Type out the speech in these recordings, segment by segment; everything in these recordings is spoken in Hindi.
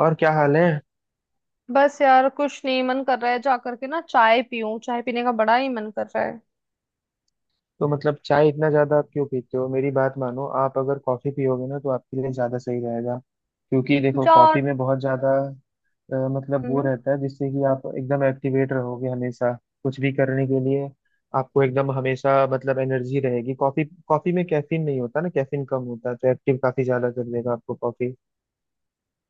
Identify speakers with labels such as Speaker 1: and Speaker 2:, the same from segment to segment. Speaker 1: और क्या हाल है?
Speaker 2: बस यार कुछ नहीं मन कर रहा है। जाकर के ना चाय पीऊं, चाय पीने का बड़ा ही मन कर रहा है।
Speaker 1: तो मतलब चाय इतना ज्यादा आप क्यों पीते हो? मेरी बात मानो, आप अगर कॉफी पियोगे ना तो आपके लिए ज्यादा सही रहेगा। क्योंकि देखो
Speaker 2: यार।
Speaker 1: कॉफी में बहुत ज्यादा मतलब वो
Speaker 2: हम्म।
Speaker 1: रहता है जिससे कि आप एकदम एक्टिवेट रहोगे हमेशा कुछ भी करने के लिए। आपको एकदम हमेशा मतलब एनर्जी रहेगी। कॉफी कॉफी में कैफीन नहीं होता ना, कैफीन कम होता है तो एक्टिव काफी ज्यादा कर देगा आपको कॉफी।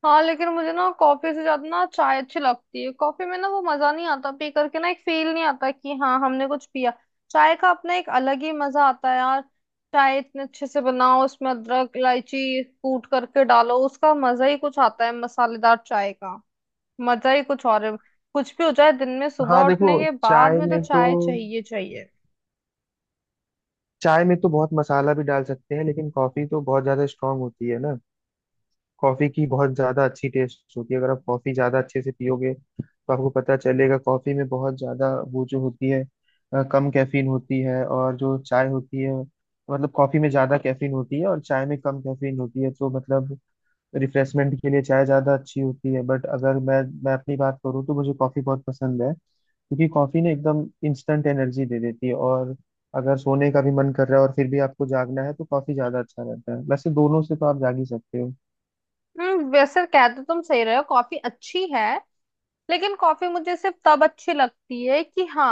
Speaker 2: हाँ लेकिन मुझे ना कॉफी से ज्यादा ना चाय अच्छी लगती है। कॉफी में ना वो मजा नहीं आता, पी करके ना एक फील नहीं आता कि हाँ हमने कुछ पिया। चाय का अपना एक अलग ही मजा आता है यार। चाय इतने अच्छे से बनाओ, उसमें अदरक इलायची कूट करके डालो, उसका मजा ही कुछ आता है, मसालेदार चाय का मजा ही कुछ और है। कुछ भी हो जाए, दिन में
Speaker 1: हाँ
Speaker 2: सुबह
Speaker 1: देखो,
Speaker 2: उठने के बाद
Speaker 1: चाय
Speaker 2: में तो
Speaker 1: में तो
Speaker 2: चाय चाहिए चाहिए।
Speaker 1: चाय में तो बहुत मसाला भी डाल सकते हैं लेकिन कॉफी तो बहुत ज्यादा स्ट्रांग होती है ना। कॉफी की बहुत ज्यादा अच्छी टेस्ट होती है। अगर आप कॉफी ज्यादा अच्छे से पियोगे तो आपको पता चलेगा कॉफी में बहुत ज्यादा वो जो होती है, कम कैफीन होती है। और जो चाय होती है, मतलब कॉफी में ज्यादा कैफीन होती है और चाय में कम कैफीन होती है, तो मतलब रिफ्रेशमेंट के लिए चाय ज्यादा अच्छी होती है। बट अगर मैं अपनी बात करूँ तो मुझे कॉफी बहुत पसंद है, क्योंकि कॉफी ना एकदम इंस्टेंट एनर्जी दे देती है। और अगर सोने का भी मन कर रहा है और फिर भी आपको जागना है तो कॉफी ज्यादा अच्छा रहता है। वैसे दोनों से तो आप जाग ही सकते हो।
Speaker 2: हम्म, वैसे कह तो तुम सही रहे हो, कॉफी अच्छी है। लेकिन कॉफी मुझे सिर्फ तब अच्छी लगती है कि हाँ,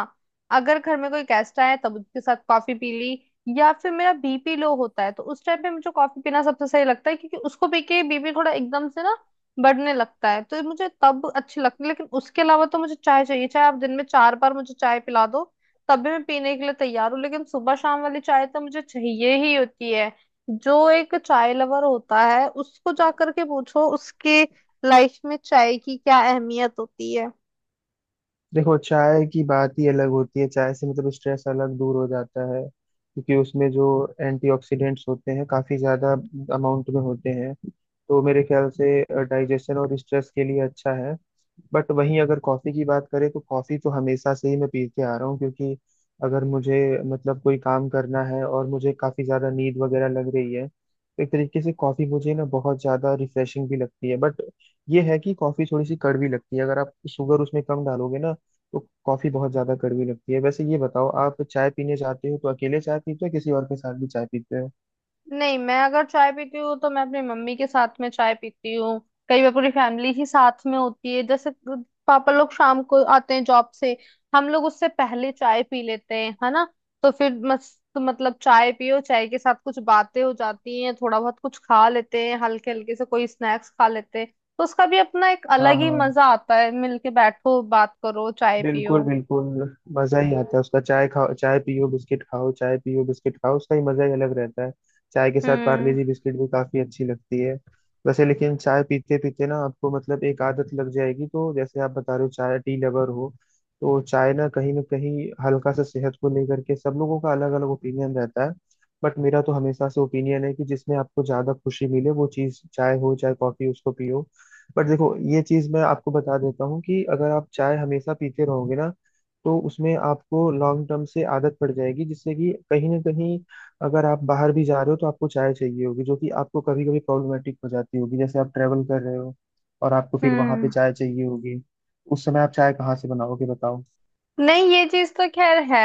Speaker 2: अगर घर में कोई गेस्ट आया तब उसके साथ कॉफी पी ली। या फिर मेरा बीपी लो होता है तो उस टाइम पे मुझे कॉफी पीना सबसे सही लगता है, क्योंकि उसको पी के बीपी थोड़ा एकदम से ना बढ़ने लगता है। तो ये मुझे तब अच्छी लगती है, लेकिन उसके अलावा तो मुझे चाय चाहिए। चाहे आप दिन में चार बार मुझे चाय पिला दो, तब भी मैं पीने के लिए तैयार हूँ। लेकिन सुबह शाम वाली चाय तो मुझे चाहिए ही होती है। जो एक चाय लवर होता है, उसको जा करके पूछो उसके लाइफ में चाय की क्या अहमियत होती है।
Speaker 1: देखो चाय की बात ही अलग होती है। चाय से मतलब स्ट्रेस अलग दूर हो जाता है, क्योंकि उसमें जो एंटीऑक्सीडेंट्स होते हैं काफी ज्यादा अमाउंट में होते हैं। तो मेरे ख्याल से डाइजेशन और स्ट्रेस के लिए अच्छा है। बट वहीं अगर कॉफी की बात करें तो कॉफी तो हमेशा से ही मैं पीते आ रहा हूँ, क्योंकि अगर मुझे मतलब कोई काम करना है और मुझे काफी ज्यादा नींद वगैरह लग रही है तो एक तरीके से कॉफी मुझे ना बहुत ज्यादा रिफ्रेशिंग भी लगती है। बट ये है कि कॉफी थोड़ी सी कड़वी लगती है, अगर आप शुगर उसमें कम डालोगे ना तो कॉफी बहुत ज्यादा कड़वी लगती है। वैसे ये बताओ, आप चाय पीने जाते हो तो अकेले चाय पीते हो या किसी और के साथ भी चाय पीते हो?
Speaker 2: नहीं, मैं अगर चाय पीती हूँ तो मैं अपनी मम्मी के साथ में चाय पीती हूँ। कई बार पूरी फैमिली ही साथ में होती है, जैसे पापा लोग शाम को आते हैं जॉब से, हम लोग उससे पहले चाय पी लेते हैं, है ना। तो फिर मस्त, मतलब चाय पियो, चाय के साथ कुछ बातें हो जाती हैं, थोड़ा बहुत कुछ खा लेते हैं, हल्के हल्के से कोई स्नैक्स खा लेते हैं। तो उसका भी अपना एक
Speaker 1: हाँ
Speaker 2: अलग ही
Speaker 1: हाँ,
Speaker 2: मजा आता है, मिलके बैठो, बात करो, चाय पियो।
Speaker 1: बिल्कुल बिल्कुल। मजा ही आता है उसका। चाय खाओ चाय पियो बिस्किट खाओ, चाय पियो बिस्किट खाओ, उसका ही मजा ही अलग रहता है। चाय के साथ पार्ले
Speaker 2: हम्म।
Speaker 1: जी बिस्किट भी काफी अच्छी लगती है। वैसे लेकिन चाय पीते पीते ना आपको मतलब एक आदत लग जाएगी। तो जैसे आप बता रहे हो चाय टी लवर हो, तो चाय ना कहीं हल्का सा, सेहत को लेकर के सब लोगों का अलग अलग ओपिनियन रहता है। बट मेरा तो हमेशा से ओपिनियन है कि जिसमें आपको ज्यादा खुशी मिले वो चीज, चाय हो चाहे कॉफी, उसको पियो। बट देखो ये चीज मैं आपको बता देता हूँ, कि अगर आप चाय हमेशा पीते रहोगे ना तो उसमें आपको लॉन्ग टर्म से आदत पड़ जाएगी। जिससे कि कहीं ना कहीं अगर आप बाहर भी जा रहे हो तो आपको चाय चाहिए होगी, जो कि आपको कभी कभी प्रॉब्लमेटिक हो जाती होगी। जैसे आप ट्रेवल कर रहे हो और आपको फिर वहां पे
Speaker 2: हम्म।
Speaker 1: चाय चाहिए होगी। उस समय आप चाय कहाँ से बनाओगे बताओ?
Speaker 2: नहीं, ये चीज तो खैर है।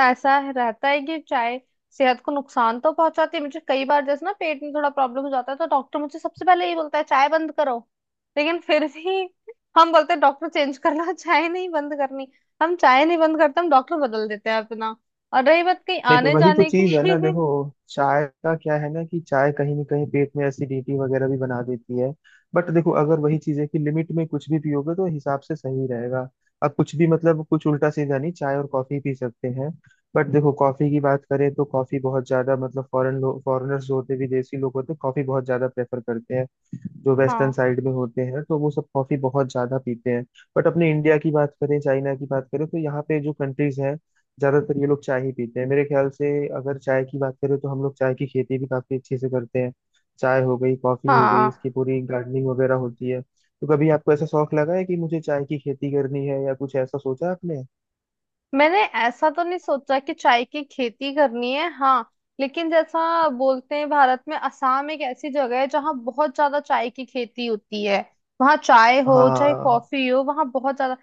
Speaker 2: ऐसा रहता है कि चाय सेहत को नुकसान तो पहुंचाती है, मुझे कई बार जैसे ना पेट में थोड़ा प्रॉब्लम हो जाता है तो डॉक्टर मुझे सबसे पहले ये बोलता है चाय बंद करो। लेकिन फिर भी हम बोलते हैं, डॉक्टर चेंज कर लो चाय नहीं बंद करनी। हम चाय नहीं बंद करते, हम डॉक्टर बदल देते हैं अपना। और रही बात कहीं
Speaker 1: नहीं तो
Speaker 2: आने
Speaker 1: वही तो
Speaker 2: जाने
Speaker 1: चीज है ना
Speaker 2: की।
Speaker 1: देखो। चाय का क्या है ना, कि चाय कहीं ना कहीं पेट में एसिडिटी वगैरह भी बना देती है। बट देखो अगर वही चीज है कि लिमिट में कुछ भी पियोगे तो हिसाब से सही रहेगा। अब कुछ भी मतलब कुछ उल्टा सीधा नहीं, चाय और कॉफी पी सकते हैं। बट देखो कॉफी की बात करें तो कॉफी बहुत ज्यादा, मतलब फॉरेन लोग, फॉरेनर्स जो होते हैं, विदेशी लोग होते हैं कॉफी बहुत ज्यादा प्रेफर करते हैं, जो वेस्टर्न
Speaker 2: हाँ।
Speaker 1: साइड में होते हैं तो वो सब कॉफी बहुत ज्यादा पीते हैं। बट अपने इंडिया की बात करें, चाइना की बात करें तो यहाँ पे जो कंट्रीज हैं, ज्यादातर ये लोग चाय ही पीते हैं मेरे ख्याल से। अगर चाय की बात करें तो हम लोग चाय की खेती भी काफी अच्छे से करते हैं। चाय हो गई, कॉफी हो गई, इसकी
Speaker 2: हाँ,
Speaker 1: पूरी गार्डनिंग वगैरह होती है। तो कभी आपको ऐसा शौक लगा है कि मुझे चाय की खेती करनी है, या कुछ ऐसा सोचा आपने?
Speaker 2: मैंने ऐसा तो नहीं सोचा कि चाय की खेती करनी है। हाँ लेकिन जैसा बोलते हैं, भारत में असम एक ऐसी जगह है जहाँ बहुत ज्यादा चाय की खेती होती है। वहाँ चाय हो चाहे
Speaker 1: हाँ,
Speaker 2: कॉफी हो, वहाँ बहुत ज्यादा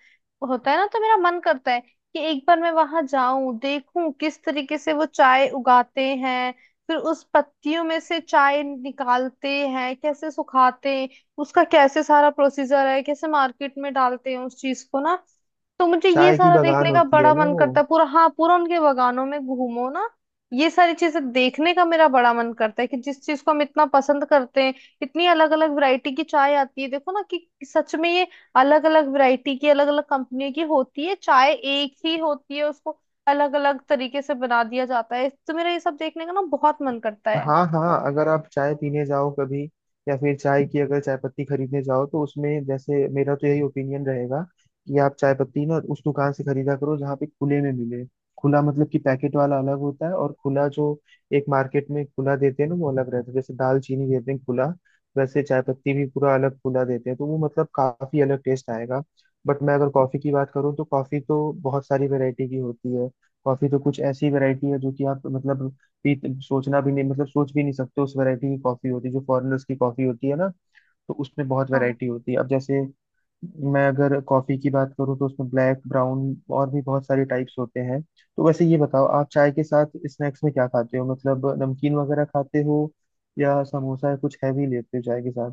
Speaker 2: होता है ना। तो मेरा मन करता है कि एक बार मैं वहां जाऊं, देखूं किस तरीके से वो चाय उगाते हैं, फिर उस पत्तियों में से चाय निकालते हैं, कैसे सुखाते हैं, उसका कैसे सारा प्रोसीजर है, कैसे मार्केट में डालते हैं उस चीज को ना। तो मुझे ये
Speaker 1: चाय की
Speaker 2: सारा
Speaker 1: बागान
Speaker 2: देखने का
Speaker 1: होती है
Speaker 2: बड़ा
Speaker 1: ना
Speaker 2: मन
Speaker 1: वो।
Speaker 2: करता है, पूरा, हाँ, पूरा उनके बगानों में घूमो ना। ये सारी चीजें देखने का मेरा बड़ा मन करता है, कि जिस चीज को हम इतना पसंद करते हैं, इतनी अलग अलग वैरायटी की चाय आती है, देखो ना कि सच में ये अलग अलग वैरायटी की, अलग अलग कंपनियों की होती है। चाय एक ही होती है, उसको अलग अलग तरीके से बना दिया जाता है। तो मेरा ये सब देखने का ना बहुत मन करता है।
Speaker 1: हाँ हाँ, अगर आप चाय पीने जाओ कभी, या फिर चाय की, अगर चाय पत्ती खरीदने जाओ, तो उसमें जैसे मेरा तो यही ओपिनियन रहेगा कि आप चाय पत्ती ना उस दुकान से खरीदा करो जहाँ पे खुले में मिले। खुला मतलब कि पैकेट वाला अलग होता है और खुला जो एक मार्केट में खुला देते हैं ना वो अलग रहता है। जैसे दाल चीनी देते हैं खुला, वैसे चाय पत्ती भी पूरा अलग खुला देते हैं, तो वो मतलब काफी अलग टेस्ट आएगा। बट मैं अगर कॉफी की बात करूँ तो कॉफी तो बहुत सारी वैरायटी की होती है। कॉफी तो कुछ ऐसी वैरायटी है जो कि आप मतलब पी सोचना भी नहीं, मतलब सोच भी नहीं सकते उस वैरायटी की कॉफी होती है, जो फॉरेनर्स की कॉफी होती है ना। तो उसमें बहुत
Speaker 2: हाँ।
Speaker 1: वैरायटी होती है। अब जैसे मैं अगर कॉफी की बात करूँ, तो उसमें ब्लैक ब्राउन और भी बहुत सारे टाइप्स होते हैं। तो वैसे ये बताओ, आप चाय के साथ स्नैक्स में क्या खाते हो? मतलब नमकीन वगैरह खाते हो, या समोसा, या कुछ हैवी लेते हो चाय के साथ?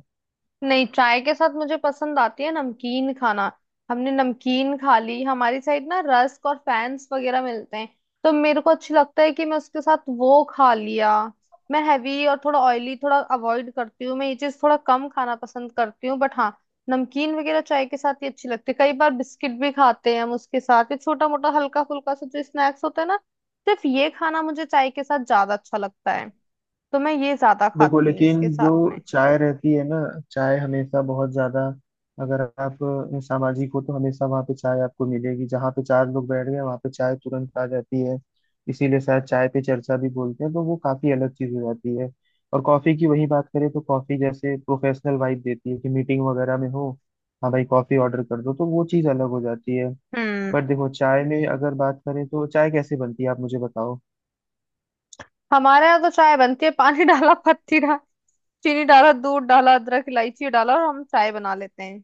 Speaker 2: नहीं, चाय के साथ मुझे पसंद आती है नमकीन खाना। हमने नमकीन खा ली, हमारी साइड ना रस्क और फैंस वगैरह मिलते हैं, तो मेरे को अच्छी लगता है कि मैं उसके साथ वो खा लिया। मैं हैवी और थोड़ा ऑयली थोड़ा अवॉइड करती हूँ, मैं ये चीज थोड़ा कम खाना पसंद करती हूँ। बट हाँ, नमकीन वगैरह चाय के साथ ही अच्छी लगती है। कई बार बिस्किट भी खाते हैं हम उसके साथ, ये छोटा मोटा हल्का फुल्का सा जो स्नैक्स होता है ना, सिर्फ ये खाना मुझे चाय के साथ ज्यादा अच्छा लगता है। तो मैं ये ज्यादा
Speaker 1: देखो
Speaker 2: खाती हूँ
Speaker 1: लेकिन
Speaker 2: इसके
Speaker 1: जो
Speaker 2: साथ में।
Speaker 1: चाय रहती है ना, चाय हमेशा बहुत ज्यादा, अगर आप सामाजिक हो तो हमेशा वहाँ पे चाय आपको मिलेगी। जहाँ पे चार लोग बैठ गए वहाँ पे चाय तुरंत आ जाती है। इसीलिए शायद चाय पे चर्चा भी बोलते हैं, तो वो काफी अलग चीज हो जाती है। और कॉफी की वही बात करें तो कॉफी जैसे प्रोफेशनल वाइब देती है, कि मीटिंग वगैरह में हो, हाँ भाई कॉफी ऑर्डर कर दो, तो वो चीज अलग हो जाती है।
Speaker 2: हम्म।
Speaker 1: बट देखो चाय में अगर बात करें तो चाय कैसे बनती है आप मुझे बताओ?
Speaker 2: हमारे यहाँ तो चाय बनती है, पानी डाला, पत्ती डाला, चीनी डाला, दूध डाला, अदरक इलायची डाला और हम चाय बना लेते हैं।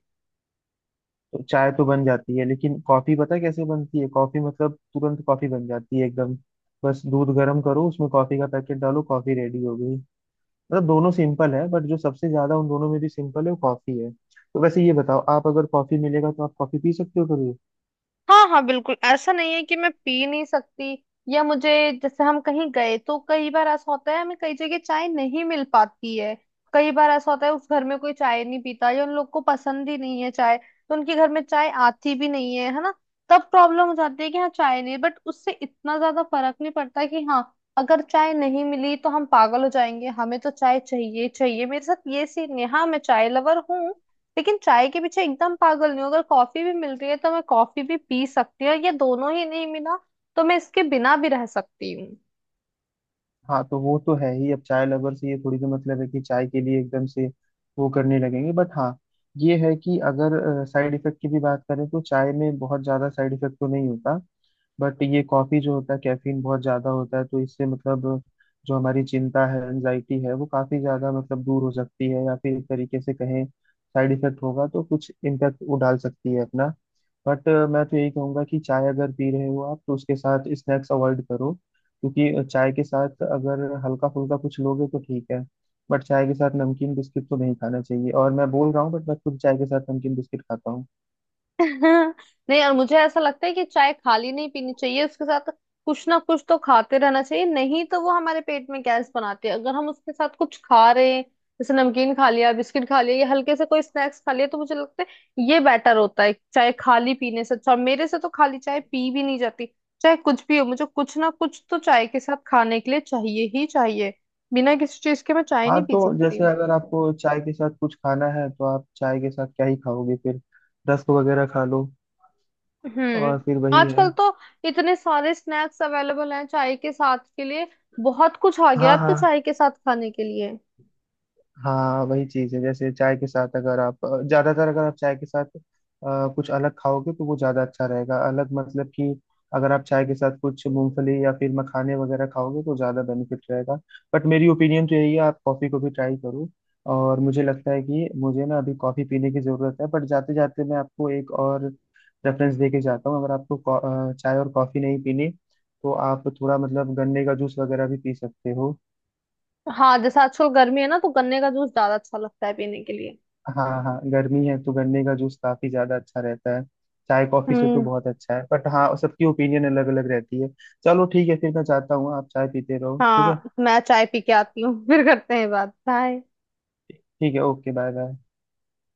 Speaker 1: तो चाय तो बन जाती है, लेकिन कॉफी पता है कैसे बनती है? कॉफी मतलब तुरंत कॉफी बन जाती है एकदम। बस दूध गर्म करो, उसमें कॉफी का पैकेट डालो, कॉफी रेडी हो गई। मतलब दोनों सिंपल है, बट जो सबसे ज्यादा उन दोनों में भी सिंपल है वो कॉफी है। तो वैसे ये बताओ, आप अगर कॉफी मिलेगा तो आप कॉफी पी सकते हो कभी?
Speaker 2: हाँ हाँ, बिल्कुल ऐसा नहीं है कि मैं पी नहीं सकती या मुझे, जैसे हम कहीं गए तो कई बार ऐसा होता है, हमें कई जगह चाय नहीं मिल पाती है। कई बार ऐसा होता है उस घर में कोई चाय नहीं पीता, या उन लोग को पसंद ही नहीं है चाय, तो उनके घर में चाय आती भी नहीं है, है ना। तब प्रॉब्लम हो जाती है कि हाँ चाय नहीं, बट उससे इतना ज्यादा फर्क नहीं पड़ता कि हाँ अगर चाय नहीं मिली तो हम पागल हो जाएंगे, हमें तो चाय चाहिए चाहिए। मेरे साथ ये सीन है, हाँ मैं चाय लवर हूँ, लेकिन चाय के पीछे एकदम पागल नहीं हूँ। अगर कॉफी भी मिल रही है तो मैं कॉफी भी पी सकती हूँ, और ये दोनों ही नहीं मिला तो मैं इसके बिना भी रह सकती हूँ।
Speaker 1: हाँ तो वो तो है ही। अब चाय लवर से ये थोड़ी तो मतलब है कि चाय के लिए एकदम से वो करने लगेंगे। बट हाँ, ये है कि अगर साइड इफेक्ट की भी बात करें तो चाय में बहुत ज्यादा साइड इफेक्ट तो नहीं होता। बट ये कॉफी जो होता है, कैफीन बहुत ज्यादा होता है, तो इससे मतलब जो हमारी चिंता है, एंजाइटी है, वो काफी ज्यादा मतलब दूर हो सकती है। या फिर एक तरीके से कहें, साइड इफेक्ट होगा तो कुछ इम्पैक्ट वो डाल सकती है अपना। बट मैं तो यही कहूंगा कि चाय अगर पी रहे हो आप तो उसके साथ स्नैक्स अवॉइड करो, क्योंकि चाय के साथ अगर हल्का फुल्का कुछ लोगे तो ठीक है। बट चाय के साथ नमकीन बिस्किट तो नहीं खाना चाहिए, और मैं बोल रहा हूँ बट मैं खुद चाय के साथ नमकीन बिस्किट खाता हूँ।
Speaker 2: हाँ, नहीं, और मुझे ऐसा लगता है कि चाय खाली नहीं पीनी चाहिए, उसके साथ कुछ ना कुछ तो खाते रहना चाहिए। नहीं तो वो हमारे पेट में गैस बनाती है, अगर हम उसके साथ कुछ खा रहे हैं जैसे नमकीन खा लिया, बिस्किट खा लिया या हल्के से कोई स्नैक्स खा लिया, तो मुझे लगता है ये बेटर होता है चाय खाली पीने से अच्छा। और मेरे से तो खाली चाय पी भी नहीं जाती, चाहे कुछ भी हो मुझे कुछ ना कुछ तो चाय के साथ खाने के लिए चाहिए ही चाहिए, बिना किसी चीज के मैं चाय
Speaker 1: हाँ
Speaker 2: नहीं पी
Speaker 1: तो
Speaker 2: सकती।
Speaker 1: जैसे अगर आपको चाय के साथ कुछ खाना है तो आप चाय के साथ क्या ही खाओगे फिर? रस्क वगैरह खा लो।
Speaker 2: हम्म।
Speaker 1: और फिर वही
Speaker 2: आजकल
Speaker 1: है।
Speaker 2: तो इतने सारे स्नैक्स अवेलेबल हैं चाय के साथ के लिए, बहुत कुछ आ गया
Speaker 1: हाँ हाँ
Speaker 2: अब तो
Speaker 1: हाँ।
Speaker 2: चाय के साथ खाने के लिए।
Speaker 1: हाँ वही चीज है, जैसे चाय के साथ अगर आप ज्यादातर अगर आप चाय के साथ कुछ अलग खाओगे तो वो ज्यादा अच्छा रहेगा। अलग मतलब कि अगर आप चाय के साथ कुछ मूंगफली या फिर मखाने वगैरह खाओगे तो ज्यादा बेनिफिट रहेगा। बट मेरी ओपिनियन तो यही है, आप कॉफी को भी ट्राई करो। और मुझे लगता है कि मुझे ना अभी कॉफी पीने की जरूरत है। बट जाते जाते मैं आपको एक और रेफरेंस दे के जाता हूँ, अगर आपको चाय और कॉफी नहीं पीनी तो आप थोड़ा मतलब गन्ने का जूस वगैरह भी पी सकते हो।
Speaker 2: हाँ जैसे आजकल गर्मी है ना, तो गन्ने का जूस ज्यादा अच्छा लगता है पीने के लिए।
Speaker 1: हाँ हाँ, गर्मी है तो गन्ने का जूस काफी ज्यादा अच्छा रहता है। चाय कॉफी से तो
Speaker 2: हम्म।
Speaker 1: बहुत अच्छा है, बट हाँ, सबकी ओपिनियन अलग अलग रहती है। चलो ठीक है, फिर मैं जाता हूँ। आप चाय पीते रहो, ठीक है।
Speaker 2: हाँ मैं चाय पी के आती हूँ फिर करते हैं बात। बाय।
Speaker 1: ठीक है, ओके। Bye bye.